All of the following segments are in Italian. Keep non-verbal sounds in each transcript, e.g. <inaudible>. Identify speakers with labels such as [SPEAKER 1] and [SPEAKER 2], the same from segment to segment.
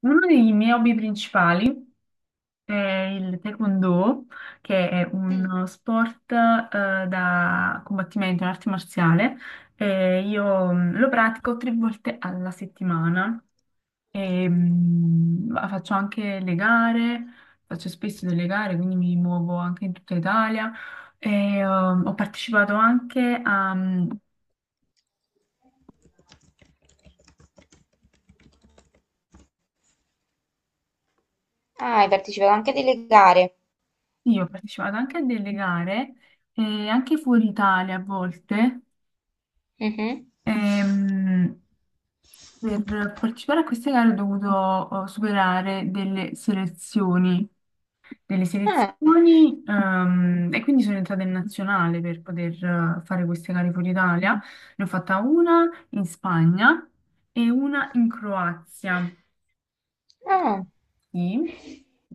[SPEAKER 1] Uno dei miei hobby principali è il taekwondo, che è uno sport da combattimento, un'arte marziale. E io lo pratico 3 volte alla settimana. Faccio anche le gare, faccio spesso delle gare, quindi mi muovo anche in tutta Italia. E, um, ho partecipato anche a, mm,
[SPEAKER 2] Ah, hai partecipato anche a delle gare.
[SPEAKER 1] sì, Ho partecipato anche a delle gare, anche fuori Italia a volte.
[SPEAKER 2] Mhm.
[SPEAKER 1] Ehm, per partecipare a queste gare ho dovuto superare delle
[SPEAKER 2] Ah,
[SPEAKER 1] selezioni e quindi sono entrata in nazionale per poter fare queste gare fuori Italia. Ne ho fatta una in Spagna e una in Croazia.
[SPEAKER 2] ah.
[SPEAKER 1] Sì,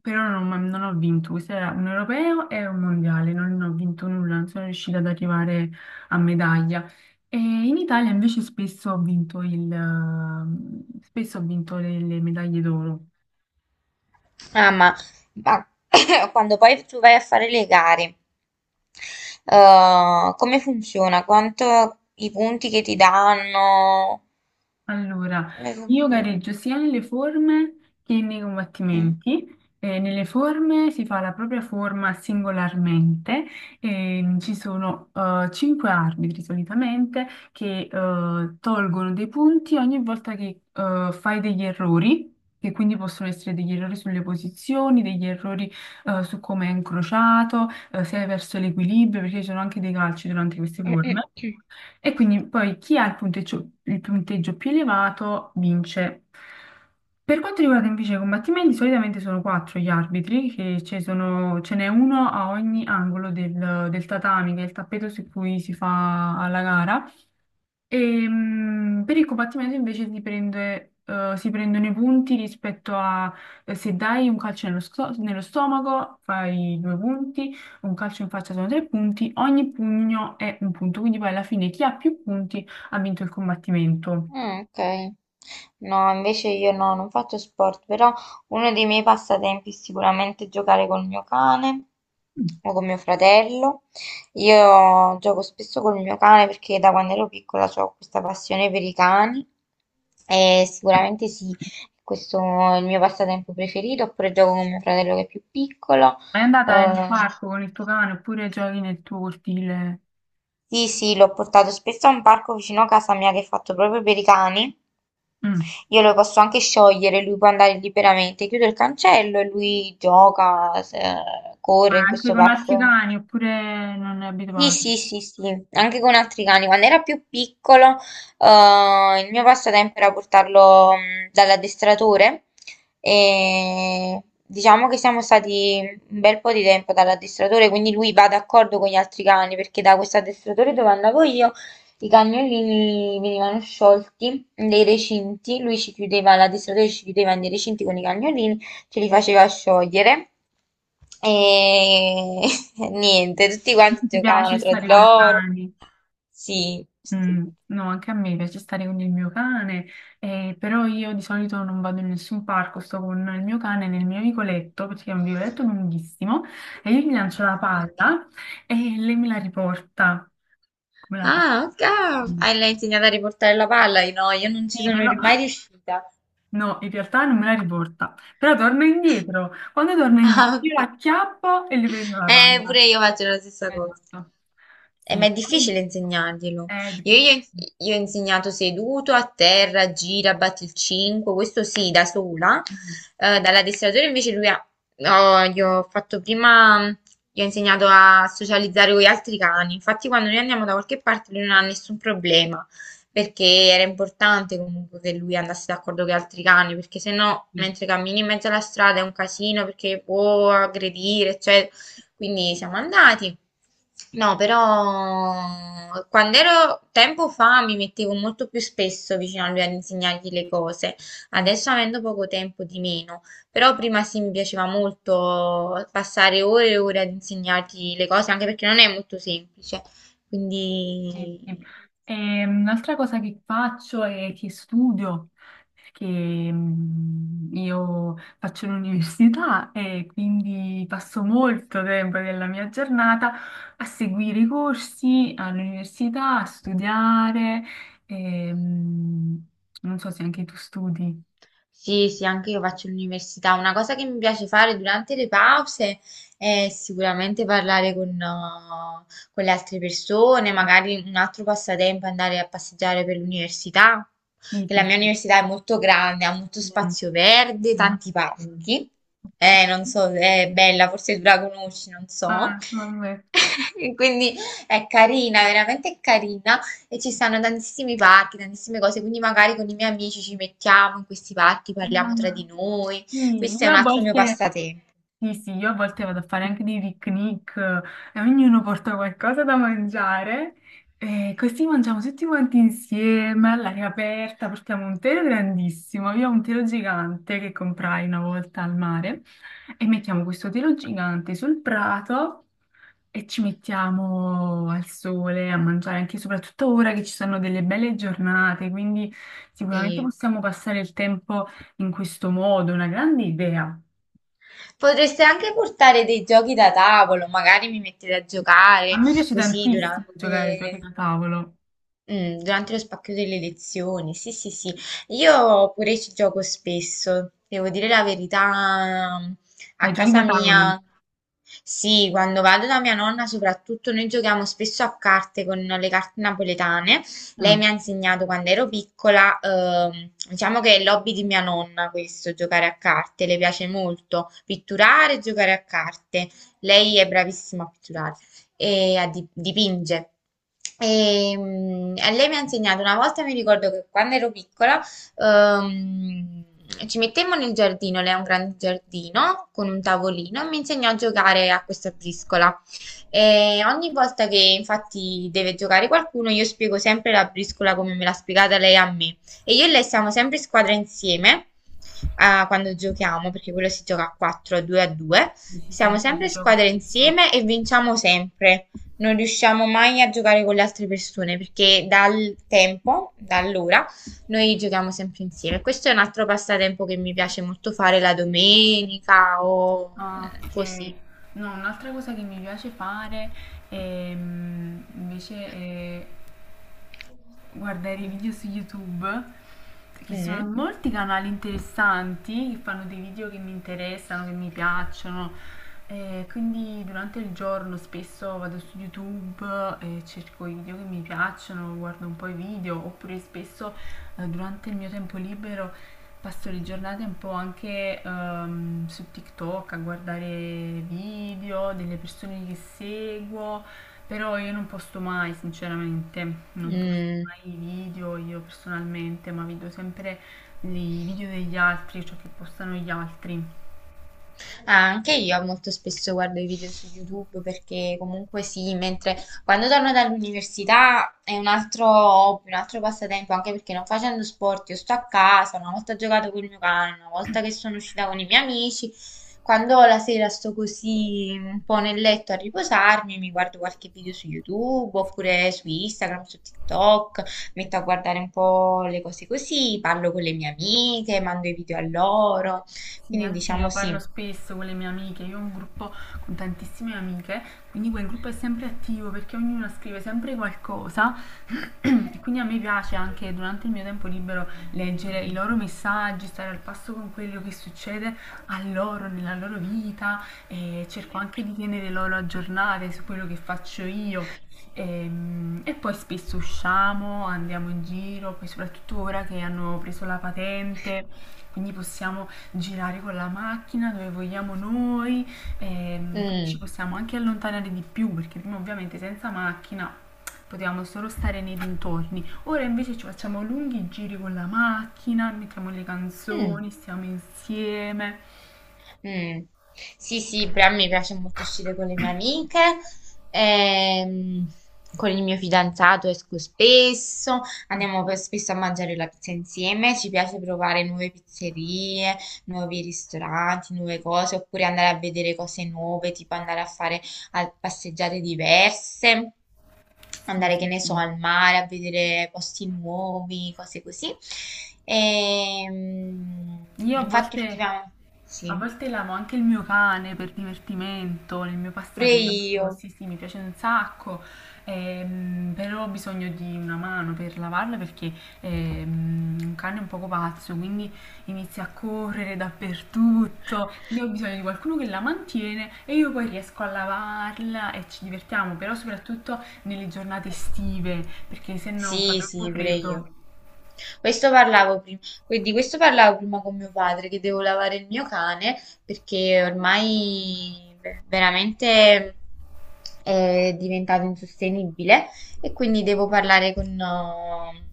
[SPEAKER 1] però non ho vinto, questo era un europeo e un mondiale, non ho vinto nulla, non sono riuscita ad arrivare a medaglia. E in Italia invece spesso ho vinto spesso ho vinto le medaglie d'oro.
[SPEAKER 2] Ah, ma <coughs> quando poi tu vai a fare le gare, come funziona? Quanto i punti che ti danno?
[SPEAKER 1] Allora,
[SPEAKER 2] Come
[SPEAKER 1] io
[SPEAKER 2] funziona?
[SPEAKER 1] gareggio sia nelle forme che nei
[SPEAKER 2] Mm?
[SPEAKER 1] combattimenti. Nelle forme si fa la propria forma singolarmente, e ci sono 5 arbitri solitamente che tolgono dei punti ogni volta che fai degli errori, che quindi possono essere degli errori sulle posizioni, degli errori su come è incrociato, se è verso l'equilibrio, perché ci sono anche dei calci durante queste forme.
[SPEAKER 2] <clears throat>
[SPEAKER 1] E quindi poi chi ha il punteggio più elevato vince. Per quanto riguarda invece i combattimenti, solitamente sono 4 gli arbitri, ce n'è uno a ogni angolo del tatami, che è il tappeto su cui si fa la gara. E, per il combattimento invece si prendono i punti rispetto a se dai un calcio nello stomaco fai 2 punti, un calcio in faccia sono 3 punti, ogni pugno è un punto, quindi poi alla fine chi ha più punti ha vinto il combattimento.
[SPEAKER 2] Ah, ok. No, invece io no, non faccio sport, però uno dei miei passatempi è sicuramente giocare col mio cane
[SPEAKER 1] Mm.
[SPEAKER 2] o con mio fratello. Io gioco spesso col mio cane perché da quando ero piccola ho questa passione per i cani e sicuramente sì, questo è il mio passatempo preferito, oppure gioco con mio fratello che è più piccolo.
[SPEAKER 1] È andata in un
[SPEAKER 2] eh,
[SPEAKER 1] parco con il tuo cane oppure giochi nel tuo cortile?
[SPEAKER 2] Sì, sì, l'ho portato spesso a un parco vicino a casa mia che è fatto proprio per i cani.
[SPEAKER 1] Mm.
[SPEAKER 2] Io lo posso anche sciogliere, lui può andare liberamente. Chiudo il cancello e lui gioca,
[SPEAKER 1] Ma
[SPEAKER 2] corre in
[SPEAKER 1] anche
[SPEAKER 2] questo
[SPEAKER 1] con altri
[SPEAKER 2] parco.
[SPEAKER 1] cani oppure non è
[SPEAKER 2] Sì,
[SPEAKER 1] abituato?
[SPEAKER 2] sì, sì, sì, anche con altri cani. Quando era più piccolo, il mio passatempo era portarlo dall'addestratore, e diciamo che siamo stati un bel po' di tempo dall'addestratore, quindi lui va d'accordo con gli altri cani, perché da questo addestratore dove andavo io i cagnolini venivano sciolti nei recinti, lui ci chiudeva, l'addestratore ci chiudeva nei recinti con i cagnolini, ce li faceva sciogliere. E <laughs> niente, tutti quanti
[SPEAKER 1] Ti piace
[SPEAKER 2] giocavano tra di
[SPEAKER 1] stare con i
[SPEAKER 2] loro.
[SPEAKER 1] cani?
[SPEAKER 2] Sì.
[SPEAKER 1] Mm, no, anche a me piace stare con il mio cane, però io di solito non vado in nessun parco, sto con il mio cane nel mio vicoletto, perché è un vicoletto lunghissimo, e io gli lancio la
[SPEAKER 2] Ok.
[SPEAKER 1] palla e lei me la riporta. Come la palla?
[SPEAKER 2] Ah, ok.
[SPEAKER 1] Sì,
[SPEAKER 2] Ah, l'hai insegnato a riportare la palla? Io No, io non ci sono
[SPEAKER 1] però
[SPEAKER 2] mai riuscita.
[SPEAKER 1] no, in realtà non me la riporta, però torna indietro. Quando torna indietro
[SPEAKER 2] Ah,
[SPEAKER 1] io la
[SPEAKER 2] ok.
[SPEAKER 1] acchiappo e gli prendo la palla.
[SPEAKER 2] Pure io faccio la stessa cosa.
[SPEAKER 1] Esatto.
[SPEAKER 2] Ma
[SPEAKER 1] Sì,
[SPEAKER 2] è
[SPEAKER 1] poi
[SPEAKER 2] difficile insegnarglielo.
[SPEAKER 1] è
[SPEAKER 2] Io
[SPEAKER 1] difficile.
[SPEAKER 2] gli ho insegnato seduto, a terra, gira, batti il 5, questo sì, da sola. Dall'addestratore invece lui ha, no, gli ho fatto prima, gli ho insegnato a socializzare con gli altri cani. Infatti quando noi andiamo da qualche parte lui non ha nessun problema, perché era importante comunque che lui andasse d'accordo con gli altri cani, perché se no mentre cammini in mezzo alla strada è un casino, perché può aggredire, cioè, quindi siamo andati. No, però quando ero tempo fa mi mettevo molto più spesso vicino a lui ad insegnargli le cose. Adesso avendo poco tempo di meno, però prima sì, mi piaceva molto passare ore e ore ad insegnargli le cose, anche perché non è molto semplice.
[SPEAKER 1] Sì,
[SPEAKER 2] Quindi.
[SPEAKER 1] sì. Un'altra cosa che faccio è che studio, perché io faccio l'università <laughs> e quindi passo molto tempo della mia giornata a seguire i corsi all'università, a studiare. e, mm, Non so se anche tu studi.
[SPEAKER 2] Sì, sì, anche io faccio l'università. Una cosa che mi piace fare durante le pause è sicuramente parlare con le altre persone, magari un altro passatempo è andare a passeggiare per l'università,
[SPEAKER 1] Sì,
[SPEAKER 2] che la
[SPEAKER 1] sì,
[SPEAKER 2] mia
[SPEAKER 1] sì.
[SPEAKER 2] università è molto grande, ha molto
[SPEAKER 1] Mm,
[SPEAKER 2] spazio verde,
[SPEAKER 1] ma-
[SPEAKER 2] tanti
[SPEAKER 1] Ok.
[SPEAKER 2] parchi.
[SPEAKER 1] Ok.
[SPEAKER 2] Non so, è bella, forse tu la conosci, non so.
[SPEAKER 1] Ah, vabbè.
[SPEAKER 2] <laughs> Quindi è carina, veramente è carina. E ci stanno tantissimi parchi, tantissime cose, quindi magari con i miei amici ci mettiamo in questi parchi, parliamo tra
[SPEAKER 1] Ah,
[SPEAKER 2] di noi.
[SPEAKER 1] sì,
[SPEAKER 2] Questo è
[SPEAKER 1] io
[SPEAKER 2] un
[SPEAKER 1] a
[SPEAKER 2] altro mio
[SPEAKER 1] volte...
[SPEAKER 2] passatempo.
[SPEAKER 1] Sì, sì, io a volte vado a fare anche dei picnic e ognuno porta qualcosa da mangiare e così mangiamo tutti quanti insieme all'aria aperta, portiamo un telo grandissimo, io ho un telo gigante che comprai una volta al mare e mettiamo questo telo gigante sul prato e ci mettiamo al sole a mangiare anche soprattutto ora che ci sono delle belle giornate, quindi sicuramente
[SPEAKER 2] Sì.
[SPEAKER 1] possiamo passare il tempo in questo modo, una grande idea.
[SPEAKER 2] Potreste anche portare dei giochi da tavolo, magari mi mettete a
[SPEAKER 1] A
[SPEAKER 2] giocare
[SPEAKER 1] me piace
[SPEAKER 2] così
[SPEAKER 1] tantissimo giocare ai giochi
[SPEAKER 2] durante.
[SPEAKER 1] da tavolo.
[SPEAKER 2] Durante lo spacchio delle lezioni, sì, sì, sì. Io pure ci gioco spesso, devo dire la verità,
[SPEAKER 1] Ai
[SPEAKER 2] a
[SPEAKER 1] giochi
[SPEAKER 2] casa
[SPEAKER 1] da tavolo?
[SPEAKER 2] mia, sì, quando vado da mia nonna soprattutto noi giochiamo spesso a carte con le carte napoletane. Lei
[SPEAKER 1] Mm.
[SPEAKER 2] mi ha insegnato quando ero piccola, diciamo che è l'hobby di mia nonna questo, giocare a carte, le piace molto pitturare e giocare a carte. Lei è bravissima a pitturare e a dipinge. E, e lei mi ha insegnato una volta, mi ricordo che quando ero piccola, ehm, ci mettemmo nel giardino, lei ha un grande giardino con un tavolino e mi insegnò a giocare a questa briscola. E ogni volta che infatti deve giocare qualcuno, io spiego sempre la briscola come me l'ha spiegata lei a me. E io e lei siamo sempre in squadra insieme, ah, quando giochiamo, perché quello si gioca a 4, a 2 a 2.
[SPEAKER 1] Sì, sì, sì,
[SPEAKER 2] Siamo
[SPEAKER 1] anche io
[SPEAKER 2] sempre
[SPEAKER 1] ci
[SPEAKER 2] in
[SPEAKER 1] gioco
[SPEAKER 2] squadra
[SPEAKER 1] spesso.
[SPEAKER 2] insieme e vinciamo sempre. Non riusciamo mai a giocare con le altre persone perché dal tempo, da allora, noi giochiamo sempre insieme. Questo è un altro passatempo che mi piace molto fare la domenica o
[SPEAKER 1] Ah, ok.
[SPEAKER 2] così.
[SPEAKER 1] No, un'altra cosa che mi piace fare invece è guardare i video su YouTube, perché ci sono
[SPEAKER 2] Mm.
[SPEAKER 1] molti canali interessanti che fanno dei video che mi interessano, che mi piacciono. E quindi durante il giorno spesso vado su YouTube e cerco i video che mi piacciono, guardo un po' i video, oppure spesso durante il mio tempo libero passo le giornate un po' anche su TikTok a guardare video delle persone che seguo, però io non posto mai, sinceramente, non posto
[SPEAKER 2] Mm.
[SPEAKER 1] mai i video io personalmente, ma vedo sempre i video degli altri, ciò che postano gli altri.
[SPEAKER 2] Ah, anche io molto spesso guardo i video su YouTube, perché comunque sì, mentre quando torno dall'università è un altro hobby, un altro passatempo, anche perché non facendo sport, io sto a casa, una volta ho giocato con il mio cane, una volta che sono uscita con i miei amici, quando la sera sto così un po' nel letto a riposarmi, mi guardo qualche video su YouTube
[SPEAKER 1] Sì. Sì.
[SPEAKER 2] oppure su Instagram, su TikTok, metto a guardare un po' le cose così, parlo con le mie amiche, mando i video a loro,
[SPEAKER 1] Sì,
[SPEAKER 2] quindi diciamo
[SPEAKER 1] anch'io parlo
[SPEAKER 2] sì.
[SPEAKER 1] spesso con le mie amiche, io ho un gruppo con tantissime amiche, quindi quel gruppo è sempre attivo perché ognuna scrive sempre qualcosa <clears throat> e quindi a me piace anche durante il mio tempo libero leggere i loro messaggi, stare al passo con quello che succede a loro, nella loro vita e cerco anche di tenere loro aggiornate su quello che faccio io. E poi spesso usciamo, andiamo in giro, poi soprattutto ora che hanno preso la patente, quindi possiamo girare con la macchina dove vogliamo noi, quindi ci
[SPEAKER 2] Mh.
[SPEAKER 1] possiamo anche allontanare di più perché prima ovviamente senza macchina potevamo solo stare nei dintorni. Ora invece ci facciamo lunghi giri con la macchina, mettiamo le
[SPEAKER 2] Mh.
[SPEAKER 1] canzoni, stiamo insieme.
[SPEAKER 2] Mm. Sì, sì, però mi piace molto uscire con le mie amiche, ehm, con il mio fidanzato esco spesso,
[SPEAKER 1] Mm,
[SPEAKER 2] andiamo spesso a mangiare la pizza insieme, ci piace provare nuove pizzerie, nuovi ristoranti, nuove cose, oppure andare a vedere cose nuove, tipo andare a fare passeggiate diverse,
[SPEAKER 1] sì,
[SPEAKER 2] andare, che
[SPEAKER 1] sì,
[SPEAKER 2] ne
[SPEAKER 1] sì.
[SPEAKER 2] so, al mare, a vedere posti nuovi, cose così. Ehm,
[SPEAKER 1] Io a
[SPEAKER 2] Infatti
[SPEAKER 1] volte...
[SPEAKER 2] ultimamente.
[SPEAKER 1] A
[SPEAKER 2] Sì.
[SPEAKER 1] volte lavo anche il mio cane per divertimento, nel mio
[SPEAKER 2] Pure
[SPEAKER 1] passatempo.
[SPEAKER 2] io.
[SPEAKER 1] Sì, sì, mi piace un sacco, però ho bisogno di una mano per lavarlo perché un cane è un poco pazzo, quindi inizia a correre dappertutto. Quindi ho bisogno di qualcuno che la mantiene e io poi riesco a lavarla e ci divertiamo, però soprattutto nelle giornate estive, perché se no fa
[SPEAKER 2] Sì,
[SPEAKER 1] troppo
[SPEAKER 2] sì, pure io.
[SPEAKER 1] freddo.
[SPEAKER 2] Questo parlavo prima, di questo parlavo prima con mio padre, che devo lavare il mio cane perché ormai veramente è diventato insostenibile e quindi devo parlare con.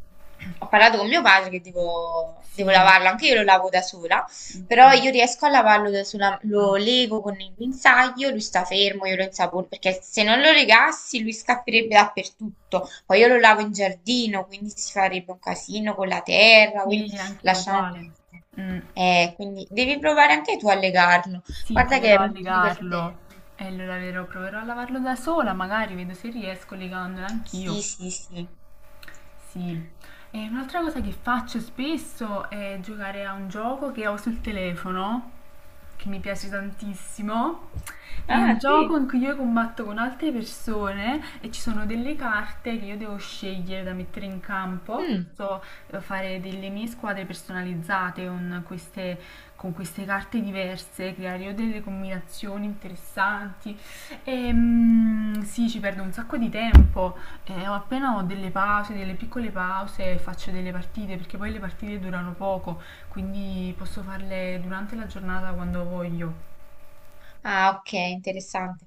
[SPEAKER 2] Ho parlato con mio padre che devo
[SPEAKER 1] Sì,
[SPEAKER 2] lavarlo, anche io lo lavo da sola. Però
[SPEAKER 1] anch'io.
[SPEAKER 2] io riesco a lavarlo sulla,
[SPEAKER 1] Ah,
[SPEAKER 2] lo lego con il guinzaglio, lui sta fermo, io lo insapono, perché se non lo legassi lui scapperebbe dappertutto. Poi io lo lavo in giardino, quindi si farebbe un casino con la terra,
[SPEAKER 1] sì,
[SPEAKER 2] quindi
[SPEAKER 1] anch'io
[SPEAKER 2] lasciamo
[SPEAKER 1] uguale.
[SPEAKER 2] perdere.
[SPEAKER 1] Mm.
[SPEAKER 2] Quindi devi provare anche tu a legarlo.
[SPEAKER 1] Sì,
[SPEAKER 2] Guarda che
[SPEAKER 1] proverò
[SPEAKER 2] è
[SPEAKER 1] a
[SPEAKER 2] molto divertente.
[SPEAKER 1] legarlo. E allora vero, proverò a lavarlo da sola, magari vedo se riesco legandolo
[SPEAKER 2] Sì,
[SPEAKER 1] anch'io.
[SPEAKER 2] sì, sì.
[SPEAKER 1] Sì. E un'altra cosa che faccio spesso è giocare a un gioco che ho sul telefono, che mi piace tantissimo. È un
[SPEAKER 2] Ah,
[SPEAKER 1] gioco
[SPEAKER 2] sì.
[SPEAKER 1] in cui io combatto con altre persone e ci sono delle carte che io devo scegliere da mettere in campo.
[SPEAKER 2] Mm.
[SPEAKER 1] Posso fare delle mie squadre personalizzate con queste carte diverse, creare io delle combinazioni interessanti. Sì, ci perdo un sacco di tempo. Ho appena ho delle pause, delle piccole pause, faccio delle partite perché poi le partite durano poco, quindi posso farle durante la giornata quando voglio.
[SPEAKER 2] Ah, ok, interessante.